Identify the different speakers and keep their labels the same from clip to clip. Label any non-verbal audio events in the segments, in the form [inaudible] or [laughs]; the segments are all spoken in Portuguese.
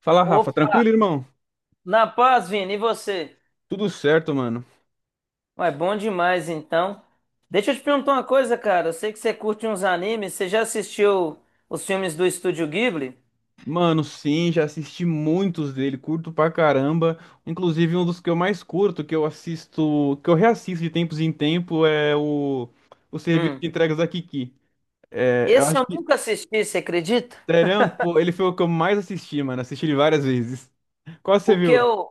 Speaker 1: Fala, Rafa.
Speaker 2: Opa,
Speaker 1: Tranquilo, irmão?
Speaker 2: na paz, Vini, e você?
Speaker 1: Tudo certo, mano.
Speaker 2: Ué, bom demais, então. Deixa eu te perguntar uma coisa, cara. Eu sei que você curte uns animes. Você já assistiu os filmes do Estúdio Ghibli?
Speaker 1: Mano, sim, já assisti muitos dele, curto pra caramba. Inclusive, um dos que eu mais curto, que eu assisto, que eu reassisto de tempos em tempo, é o serviço de
Speaker 2: Hum.
Speaker 1: entregas da Kiki. É, eu
Speaker 2: Esse
Speaker 1: acho
Speaker 2: eu
Speaker 1: que,
Speaker 2: nunca assisti, você acredita?
Speaker 1: sério, pô, ele foi o que eu mais assisti, mano. Assisti ele várias vezes. Qual você
Speaker 2: O que
Speaker 1: viu?
Speaker 2: eu,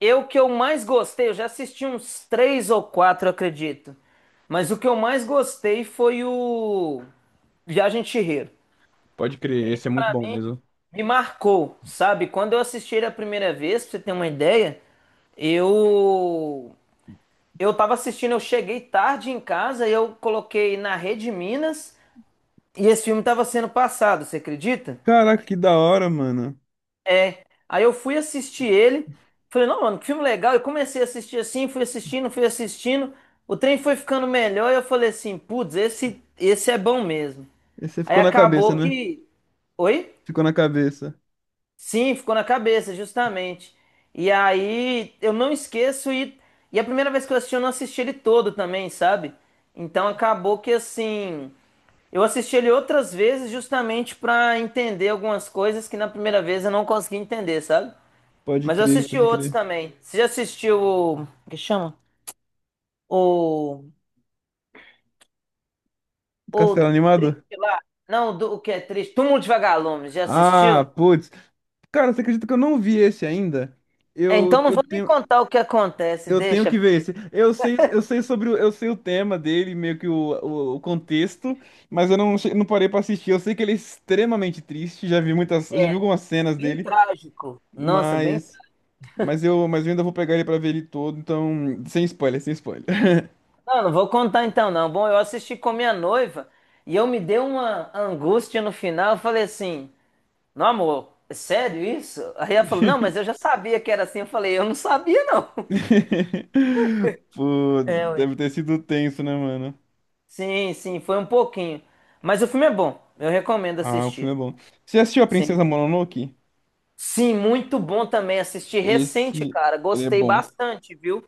Speaker 2: eu que eu mais gostei, eu já assisti uns três ou quatro, eu acredito. Mas o que eu mais gostei foi o Viagem de Chihiro.
Speaker 1: Pode crer, esse é muito bom mesmo.
Speaker 2: Me marcou, sabe? Quando eu assisti ele a primeira vez, pra você ter uma ideia, eu Eu tava assistindo, eu cheguei tarde em casa e eu coloquei na Rede Minas e esse filme tava sendo passado, você acredita?
Speaker 1: Caraca, que da hora, mano.
Speaker 2: É. Aí eu fui assistir ele, falei, não, mano, que filme legal. Eu comecei a assistir assim, fui assistindo, fui assistindo. O trem foi ficando melhor e eu falei assim, putz, esse é bom mesmo.
Speaker 1: Esse
Speaker 2: Aí
Speaker 1: ficou na cabeça,
Speaker 2: acabou
Speaker 1: né?
Speaker 2: que. Oi?
Speaker 1: Ficou na cabeça.
Speaker 2: Sim, ficou na cabeça, justamente. E aí eu não esqueço, e a primeira vez que eu assisti, eu não assisti ele todo também, sabe? Então acabou que assim, eu assisti ele outras vezes justamente pra entender algumas coisas que na primeira vez eu não consegui entender, sabe?
Speaker 1: Pode
Speaker 2: Mas eu
Speaker 1: crer,
Speaker 2: assisti
Speaker 1: pode
Speaker 2: outros
Speaker 1: crer.
Speaker 2: também. Você já assistiu o que chama? O
Speaker 1: Castelo
Speaker 2: o
Speaker 1: Animado?
Speaker 2: Triste lá? Não, do, o que é triste? Túmulo de Vagalumes, já
Speaker 1: Ah,
Speaker 2: assistiu?
Speaker 1: putz. Cara, você acredita que eu não vi esse ainda?
Speaker 2: É,
Speaker 1: Eu,
Speaker 2: então não
Speaker 1: eu
Speaker 2: vou nem
Speaker 1: tenho,
Speaker 2: contar o que acontece,
Speaker 1: eu tenho
Speaker 2: deixa.
Speaker 1: que ver esse. Eu sei sobre o, eu sei o tema dele, meio que o contexto, mas eu não, não parei pra assistir. Eu sei que ele é extremamente triste, já vi muitas, já vi algumas cenas
Speaker 2: Bem
Speaker 1: dele,
Speaker 2: trágico. Nossa, bem.
Speaker 1: mas mas eu ainda vou pegar ele pra ver ele todo, então sem spoiler, sem spoiler.
Speaker 2: Não, não vou contar então, não. Bom, eu assisti com minha noiva e eu me dei uma angústia no final. Eu falei assim: Não, amor, é sério isso? Aí ela falou: Não, mas eu já sabia que era assim. Eu falei: Eu não sabia, não.
Speaker 1: [laughs] Pô,
Speaker 2: É, ué.
Speaker 1: deve ter sido tenso, né, mano?
Speaker 2: Sim, sim, foi um pouquinho. Mas o filme é bom. Eu recomendo
Speaker 1: Ah, o filme
Speaker 2: assistir.
Speaker 1: é bom. Você assistiu A
Speaker 2: Sim.
Speaker 1: Princesa Mononoke?
Speaker 2: Sim, muito bom também. Assisti recente,
Speaker 1: Esse,
Speaker 2: cara.
Speaker 1: ele é
Speaker 2: Gostei
Speaker 1: bom.
Speaker 2: bastante, viu?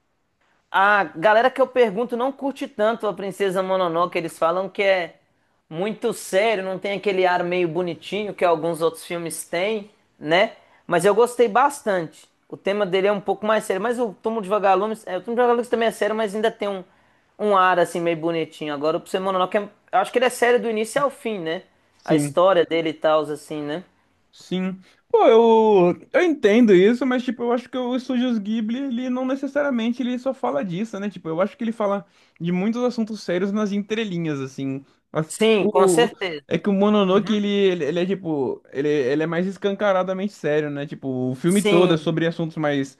Speaker 2: A galera que eu pergunto não curte tanto a Princesa Mononoke, eles falam que é muito sério, não tem aquele ar meio bonitinho que alguns outros filmes têm, né? Mas eu gostei bastante. O tema dele é um pouco mais sério, mas o Túmulo de Vagalumes, é, o Túmulo de Vagalumes também é sério, mas ainda tem um, um ar assim meio bonitinho. Agora o Princesa Mononoke, eu acho que ele é sério do início ao fim, né? A
Speaker 1: Sim.
Speaker 2: história dele e tal, assim, né?
Speaker 1: Sim. Pô, eu entendo isso, mas tipo, eu acho que o Estúdios Ghibli, ele não necessariamente ele só fala disso, né? Tipo, eu acho que ele fala de muitos assuntos sérios nas entrelinhas, assim. As-
Speaker 2: Sim, com
Speaker 1: O, é
Speaker 2: certeza.
Speaker 1: que o Mononoke, ele é tipo, ele é mais escancaradamente sério, né? Tipo, o filme todo é
Speaker 2: Sim,
Speaker 1: sobre assuntos mais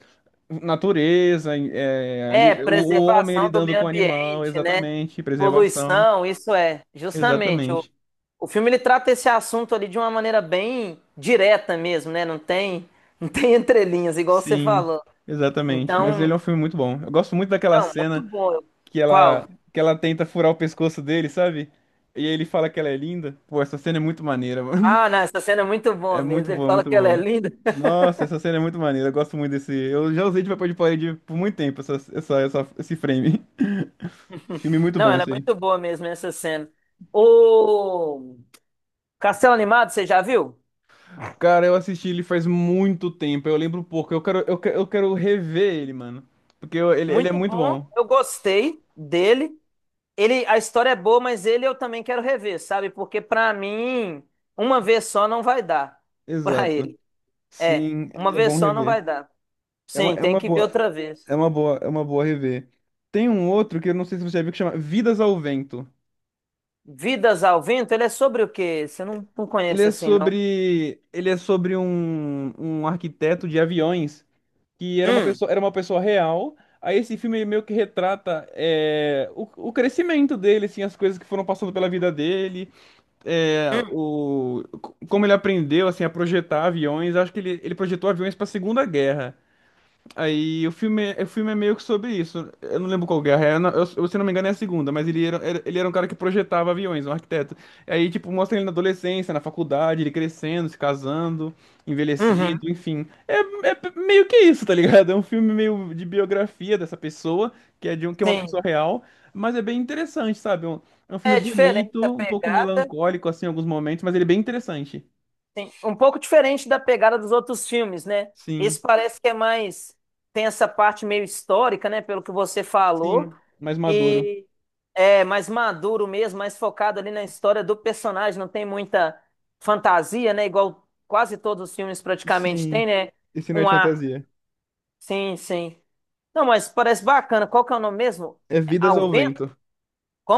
Speaker 1: natureza, é,
Speaker 2: é,
Speaker 1: o homem
Speaker 2: preservação do
Speaker 1: lidando
Speaker 2: meio
Speaker 1: com o animal,
Speaker 2: ambiente, né?
Speaker 1: exatamente, preservação,
Speaker 2: Poluição, isso é. Justamente, o,
Speaker 1: exatamente.
Speaker 2: o filme ele trata esse assunto ali de uma maneira bem direta mesmo, né? Não tem [laughs] entrelinhas, igual você
Speaker 1: Sim,
Speaker 2: falou.
Speaker 1: exatamente. Mas ele
Speaker 2: Então,
Speaker 1: é um filme muito bom. Eu gosto muito daquela
Speaker 2: não, muito
Speaker 1: cena
Speaker 2: bom.
Speaker 1: que ela,
Speaker 2: Qual?
Speaker 1: que ela tenta furar o pescoço dele, sabe? E ele fala que ela é linda. Pô, essa cena é muito maneira, [laughs] mano.
Speaker 2: Ah, não, essa cena é muito
Speaker 1: É
Speaker 2: boa
Speaker 1: muito
Speaker 2: mesmo. Ele
Speaker 1: boa,
Speaker 2: fala
Speaker 1: muito
Speaker 2: que ela é
Speaker 1: boa.
Speaker 2: linda. [laughs]
Speaker 1: Nossa, essa cena é muito maneira. Eu gosto muito desse. Eu já usei de papel de parede por muito tempo, esse frame. [laughs] Filme muito
Speaker 2: Não,
Speaker 1: bom
Speaker 2: ela é
Speaker 1: esse aí.
Speaker 2: muito boa mesmo, essa cena. O Castelo Animado, você já viu?
Speaker 1: Cara, eu assisti ele faz muito tempo. Eu lembro pouco. Eu quero rever ele, mano. Ele é
Speaker 2: Muito
Speaker 1: muito
Speaker 2: bom.
Speaker 1: bom.
Speaker 2: Eu gostei dele. Ele, a história é boa, mas ele eu também quero rever, sabe? Porque pra mim, uma vez só não vai dar [laughs] pra
Speaker 1: Exato.
Speaker 2: ele. É,
Speaker 1: Sim,
Speaker 2: uma
Speaker 1: é
Speaker 2: vez
Speaker 1: bom
Speaker 2: só não vai
Speaker 1: rever.
Speaker 2: dar. Sim,
Speaker 1: É
Speaker 2: tem
Speaker 1: uma
Speaker 2: que ver
Speaker 1: boa.
Speaker 2: outra vez.
Speaker 1: É uma boa, é uma boa rever. Tem um outro que eu não sei se você já viu que chama Vidas ao Vento.
Speaker 2: Vidas ao Vento, ele é sobre o quê? Você não, não conhece assim, não?
Speaker 1: Ele é sobre um, um arquiteto de aviões que
Speaker 2: Hum,
Speaker 1: era uma pessoa real. Aí esse filme meio que retrata é, o crescimento dele, assim, as coisas que foram passando pela vida dele, é,
Speaker 2: hum,
Speaker 1: como ele aprendeu assim a projetar aviões. Acho que ele projetou aviões para a Segunda Guerra. Aí o filme, o filme é meio que sobre isso. Eu não lembro qual guerra é. Eu, não- eu, se não me engano, é a segunda, mas ele era um cara que projetava aviões, um arquiteto. Aí, tipo, mostra ele na adolescência, na faculdade, ele crescendo, se casando,
Speaker 2: uhum.
Speaker 1: envelhecendo, enfim. É, meio que isso, tá ligado? É um filme meio de biografia dessa pessoa, que é uma
Speaker 2: Sim.
Speaker 1: pessoa real, mas é bem interessante, sabe? É um filme
Speaker 2: É diferente a
Speaker 1: bonito, um pouco
Speaker 2: pegada,
Speaker 1: melancólico, assim, em alguns momentos, mas ele é bem interessante.
Speaker 2: sim. Um pouco diferente da pegada dos outros filmes, né? Esse
Speaker 1: Sim,
Speaker 2: parece que é mais. Tem essa parte meio histórica, né? Pelo que você
Speaker 1: sim,
Speaker 2: falou.
Speaker 1: mais maduro.
Speaker 2: E é mais maduro mesmo, mais focado ali na história do personagem, não tem muita fantasia, né? Igual quase todos os filmes praticamente
Speaker 1: Sim,
Speaker 2: tem, né?
Speaker 1: esse não é
Speaker 2: Um
Speaker 1: de
Speaker 2: ar.
Speaker 1: fantasia.
Speaker 2: Sim, sim. Não, mas parece bacana. Qual que é o nome mesmo?
Speaker 1: É Vidas
Speaker 2: Ao
Speaker 1: ao
Speaker 2: vento?
Speaker 1: Vento.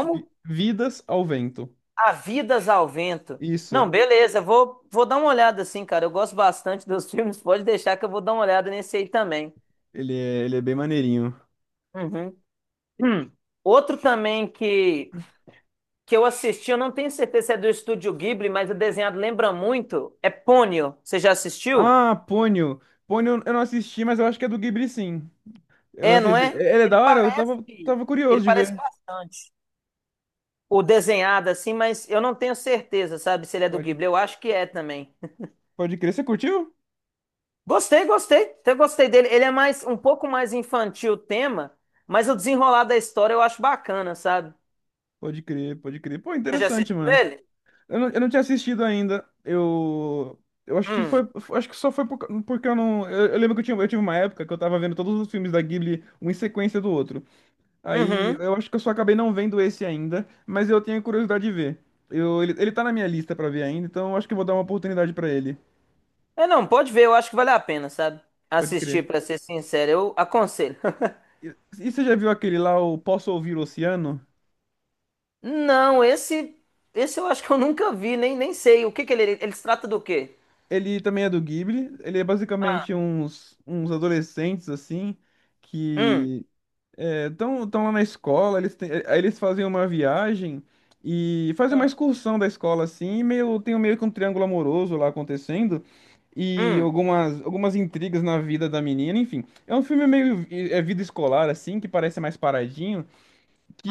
Speaker 1: Vidas ao Vento.
Speaker 2: Há vidas ao vento. Não,
Speaker 1: Isso.
Speaker 2: beleza, vou dar uma olhada assim, cara. Eu gosto bastante dos [laughs] filmes, pode deixar que eu vou dar uma olhada nesse aí também.
Speaker 1: Ele é bem maneirinho.
Speaker 2: Uhum. Hum. Outro também que eu assisti, eu não tenho certeza se é do Estúdio Ghibli, mas o desenhado lembra muito. É Ponyo. Você já assistiu?
Speaker 1: Ah, Ponyo. Ponyo eu não assisti, mas eu acho que é do Ghibli, sim. Eu não
Speaker 2: É, não
Speaker 1: assisti.
Speaker 2: é?
Speaker 1: É, ele é
Speaker 2: Ele
Speaker 1: da hora? Eu
Speaker 2: parece,
Speaker 1: tava, tava
Speaker 2: ele
Speaker 1: curioso de
Speaker 2: parece
Speaker 1: ver.
Speaker 2: bastante. O desenhado assim, mas eu não tenho certeza, sabe, se ele é do
Speaker 1: Pode,
Speaker 2: Ghibli. Eu acho que é também.
Speaker 1: pode crer. Você curtiu?
Speaker 2: Gostei, gostei. Eu gostei dele. Ele é mais um pouco mais infantil o tema, mas o desenrolar da história eu acho bacana, sabe?
Speaker 1: Pode crer, pode crer. Pô,
Speaker 2: Você já
Speaker 1: interessante,
Speaker 2: assistiu
Speaker 1: mano.
Speaker 2: ele?
Speaker 1: Eu não tinha assistido ainda. Eu acho que
Speaker 2: Hum.
Speaker 1: foi... Acho que só foi por, porque eu não... eu lembro que eu tinha, eu tive uma época que eu tava vendo todos os filmes da Ghibli, um em sequência do outro. Aí
Speaker 2: Uhum.
Speaker 1: eu acho que eu só acabei não vendo esse ainda, mas eu tenho curiosidade de ver. Ele tá na minha lista pra ver ainda, então eu acho que eu vou dar uma oportunidade pra ele.
Speaker 2: É, não, pode ver, eu acho que vale a pena, sabe?
Speaker 1: Pode crer.
Speaker 2: Assistir, pra ser sincero, eu aconselho. [laughs]
Speaker 1: E você já viu aquele lá, o Posso Ouvir o Oceano?
Speaker 2: Não, esse eu acho que eu nunca vi, nem sei. O que que ele se trata do quê?
Speaker 1: Ele também é do Ghibli. Ele é basicamente uns, uns adolescentes, assim,
Speaker 2: Hum,
Speaker 1: que estão lá na escola, eles, aí eles fazem uma viagem e fazem uma excursão da escola assim, e meio, tem um, meio que um triângulo amoroso lá acontecendo e
Speaker 2: hum,
Speaker 1: algumas, algumas intrigas na vida da menina, enfim. É um filme meio é vida escolar assim, que parece mais paradinho,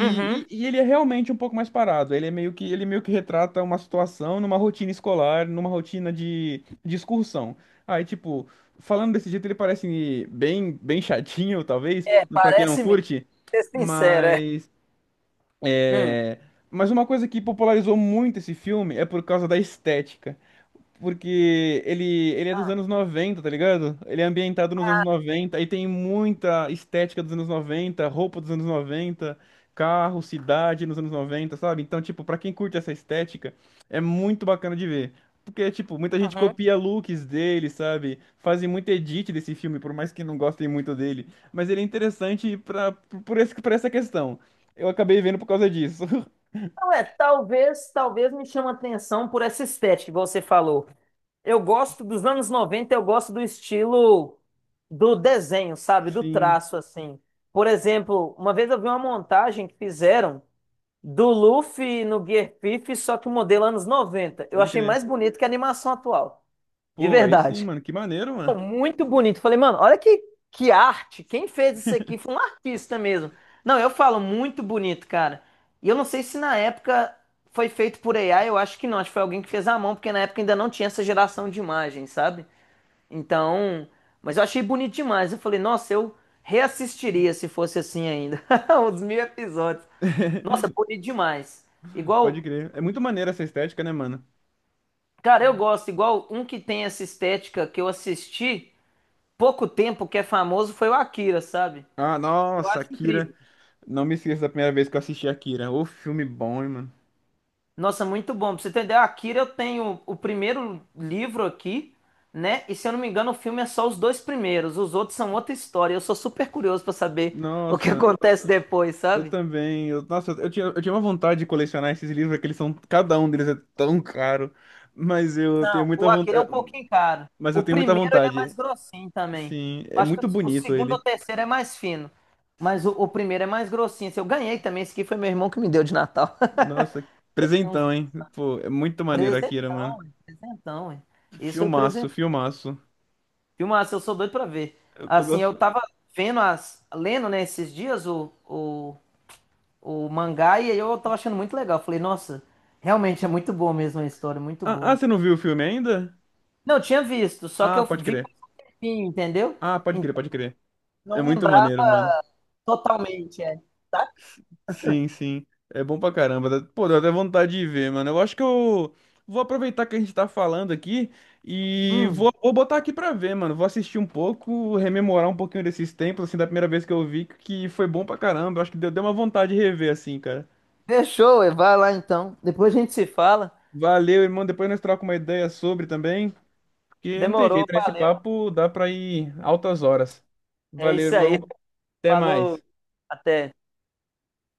Speaker 2: uhum.
Speaker 1: e ele é realmente um pouco mais parado. Ele é meio que, ele meio que retrata uma situação numa rotina escolar, numa rotina de excursão. Aí, tipo, falando desse jeito, ele parece bem, bem chatinho, talvez,
Speaker 2: É,
Speaker 1: pra quem não
Speaker 2: parece mesmo,
Speaker 1: curte.
Speaker 2: ser sincero, é.
Speaker 1: Mas,
Speaker 2: Hum,
Speaker 1: é, mas uma coisa que popularizou muito esse filme é por causa da estética. Porque ele é dos anos noventa, tá ligado? Ele é ambientado nos anos noventa, aí tem muita estética dos anos noventa, roupa dos anos noventa, carro, cidade nos anos noventa, sabe? Então, tipo, pra quem curte essa estética, é muito bacana de ver. Porque, tipo, muita gente
Speaker 2: uhum.
Speaker 1: copia looks dele, sabe? Fazem muito edit desse filme, por mais que não gostem muito dele. Mas ele é interessante pra, por esse, por essa questão. Eu acabei vendo por causa disso.
Speaker 2: Não é, talvez me chama a atenção por essa estética que você falou. Eu gosto dos anos 90, eu gosto do estilo do desenho, sabe?
Speaker 1: [laughs]
Speaker 2: Do
Speaker 1: Sim,
Speaker 2: traço, assim. Por exemplo, uma vez eu vi uma montagem que fizeram do Luffy no Gear Fifth, só que o modelo anos 90. Eu
Speaker 1: pode
Speaker 2: achei
Speaker 1: crer.
Speaker 2: mais bonito que a animação atual. De
Speaker 1: Pô, aí sim,
Speaker 2: verdade.
Speaker 1: mano, que maneiro, mano.
Speaker 2: Mano, muito bonito. Falei, mano, olha que arte. Quem fez isso aqui foi um artista mesmo. Não, eu falo muito bonito, cara. E eu não sei se na época foi feito por AI, eu acho que não. Acho que foi alguém que fez à mão, porque na época ainda não tinha essa geração de imagens, sabe? Então, mas eu achei bonito demais. Eu falei, nossa, eu reassistiria se fosse assim ainda. [laughs] Os 1000 episódios. Nossa,
Speaker 1: [laughs]
Speaker 2: bonito demais.
Speaker 1: Pode
Speaker 2: Igual,
Speaker 1: crer. É muito maneira essa estética, né, mano?
Speaker 2: cara, eu gosto, igual um que tem essa estética que eu assisti. Pouco tempo que é famoso foi o Akira, sabe?
Speaker 1: Ah,
Speaker 2: Eu
Speaker 1: nossa,
Speaker 2: acho
Speaker 1: Akira.
Speaker 2: incrível.
Speaker 1: Não me esqueço da primeira vez que eu assisti Akira. Ô, filme bom, hein, mano?
Speaker 2: Nossa, muito bom. Pra você entender, o Akira eu tenho o primeiro livro aqui, né? E se eu não me engano, o filme é só os dois primeiros. Os outros são outra história. Eu sou super curioso pra saber o que
Speaker 1: Nossa,
Speaker 2: acontece depois,
Speaker 1: eu
Speaker 2: sabe?
Speaker 1: também. Eu, nossa, eu tinha uma vontade de colecionar esses livros, porque eles são. Cada um deles é tão caro. Mas eu tenho
Speaker 2: Não,
Speaker 1: muita
Speaker 2: o Akira é
Speaker 1: vontade.
Speaker 2: um pouquinho caro.
Speaker 1: Mas eu
Speaker 2: O
Speaker 1: tenho muita
Speaker 2: primeiro ele é
Speaker 1: vontade.
Speaker 2: mais grossinho também.
Speaker 1: Sim, é
Speaker 2: Eu acho que o
Speaker 1: muito
Speaker 2: o
Speaker 1: bonito
Speaker 2: segundo ou
Speaker 1: ele.
Speaker 2: terceiro é mais fino. Mas o primeiro é mais grossinho. Esse eu ganhei também. Esse aqui foi meu irmão que me deu de Natal.
Speaker 1: Nossa, presentão,
Speaker 2: [laughs]
Speaker 1: hein? Pô, é muito maneiro Akira, mano.
Speaker 2: Presentão, é, presentão, é. Esse foi
Speaker 1: Filmaço,
Speaker 2: presente.
Speaker 1: filmaço.
Speaker 2: Filmaço, eu sou doido pra ver.
Speaker 1: Eu
Speaker 2: Assim, eu
Speaker 1: gosto.
Speaker 2: tava vendo as, lendo, né, esses dias o mangá e aí eu tava achando muito legal. Falei, nossa, realmente é muito boa mesmo a história, muito
Speaker 1: Ah, ah,
Speaker 2: boa.
Speaker 1: você não viu o filme ainda?
Speaker 2: Não, eu tinha visto, só que
Speaker 1: Ah,
Speaker 2: eu
Speaker 1: pode
Speaker 2: vi
Speaker 1: crer.
Speaker 2: com um tempinho, entendeu?
Speaker 1: Ah, pode crer,
Speaker 2: Então
Speaker 1: pode crer. É
Speaker 2: não
Speaker 1: muito
Speaker 2: lembrava
Speaker 1: maneiro, mano.
Speaker 2: totalmente, é. Tá?
Speaker 1: Sim, sim. É bom pra caramba. Dá- Pô, deu até vontade de ver, mano. Eu acho que eu vou aproveitar que a gente tá falando aqui e
Speaker 2: Hum,
Speaker 1: vou, vou botar aqui pra ver, mano. Vou assistir um pouco, rememorar um pouquinho desses tempos, assim, da primeira vez que eu vi, que foi bom pra caramba. Eu acho que deu, deu uma vontade de rever, assim, cara.
Speaker 2: fechou, ué, vai lá então. Depois a gente se fala.
Speaker 1: Valeu, irmão. Depois nós trocamos uma ideia sobre também, porque não tem
Speaker 2: Demorou,
Speaker 1: jeito, né? Esse
Speaker 2: valeu.
Speaker 1: papo dá pra ir altas horas.
Speaker 2: É
Speaker 1: Valeu,
Speaker 2: isso aí.
Speaker 1: irmão.
Speaker 2: [laughs]
Speaker 1: Até
Speaker 2: Falou,
Speaker 1: mais.
Speaker 2: até.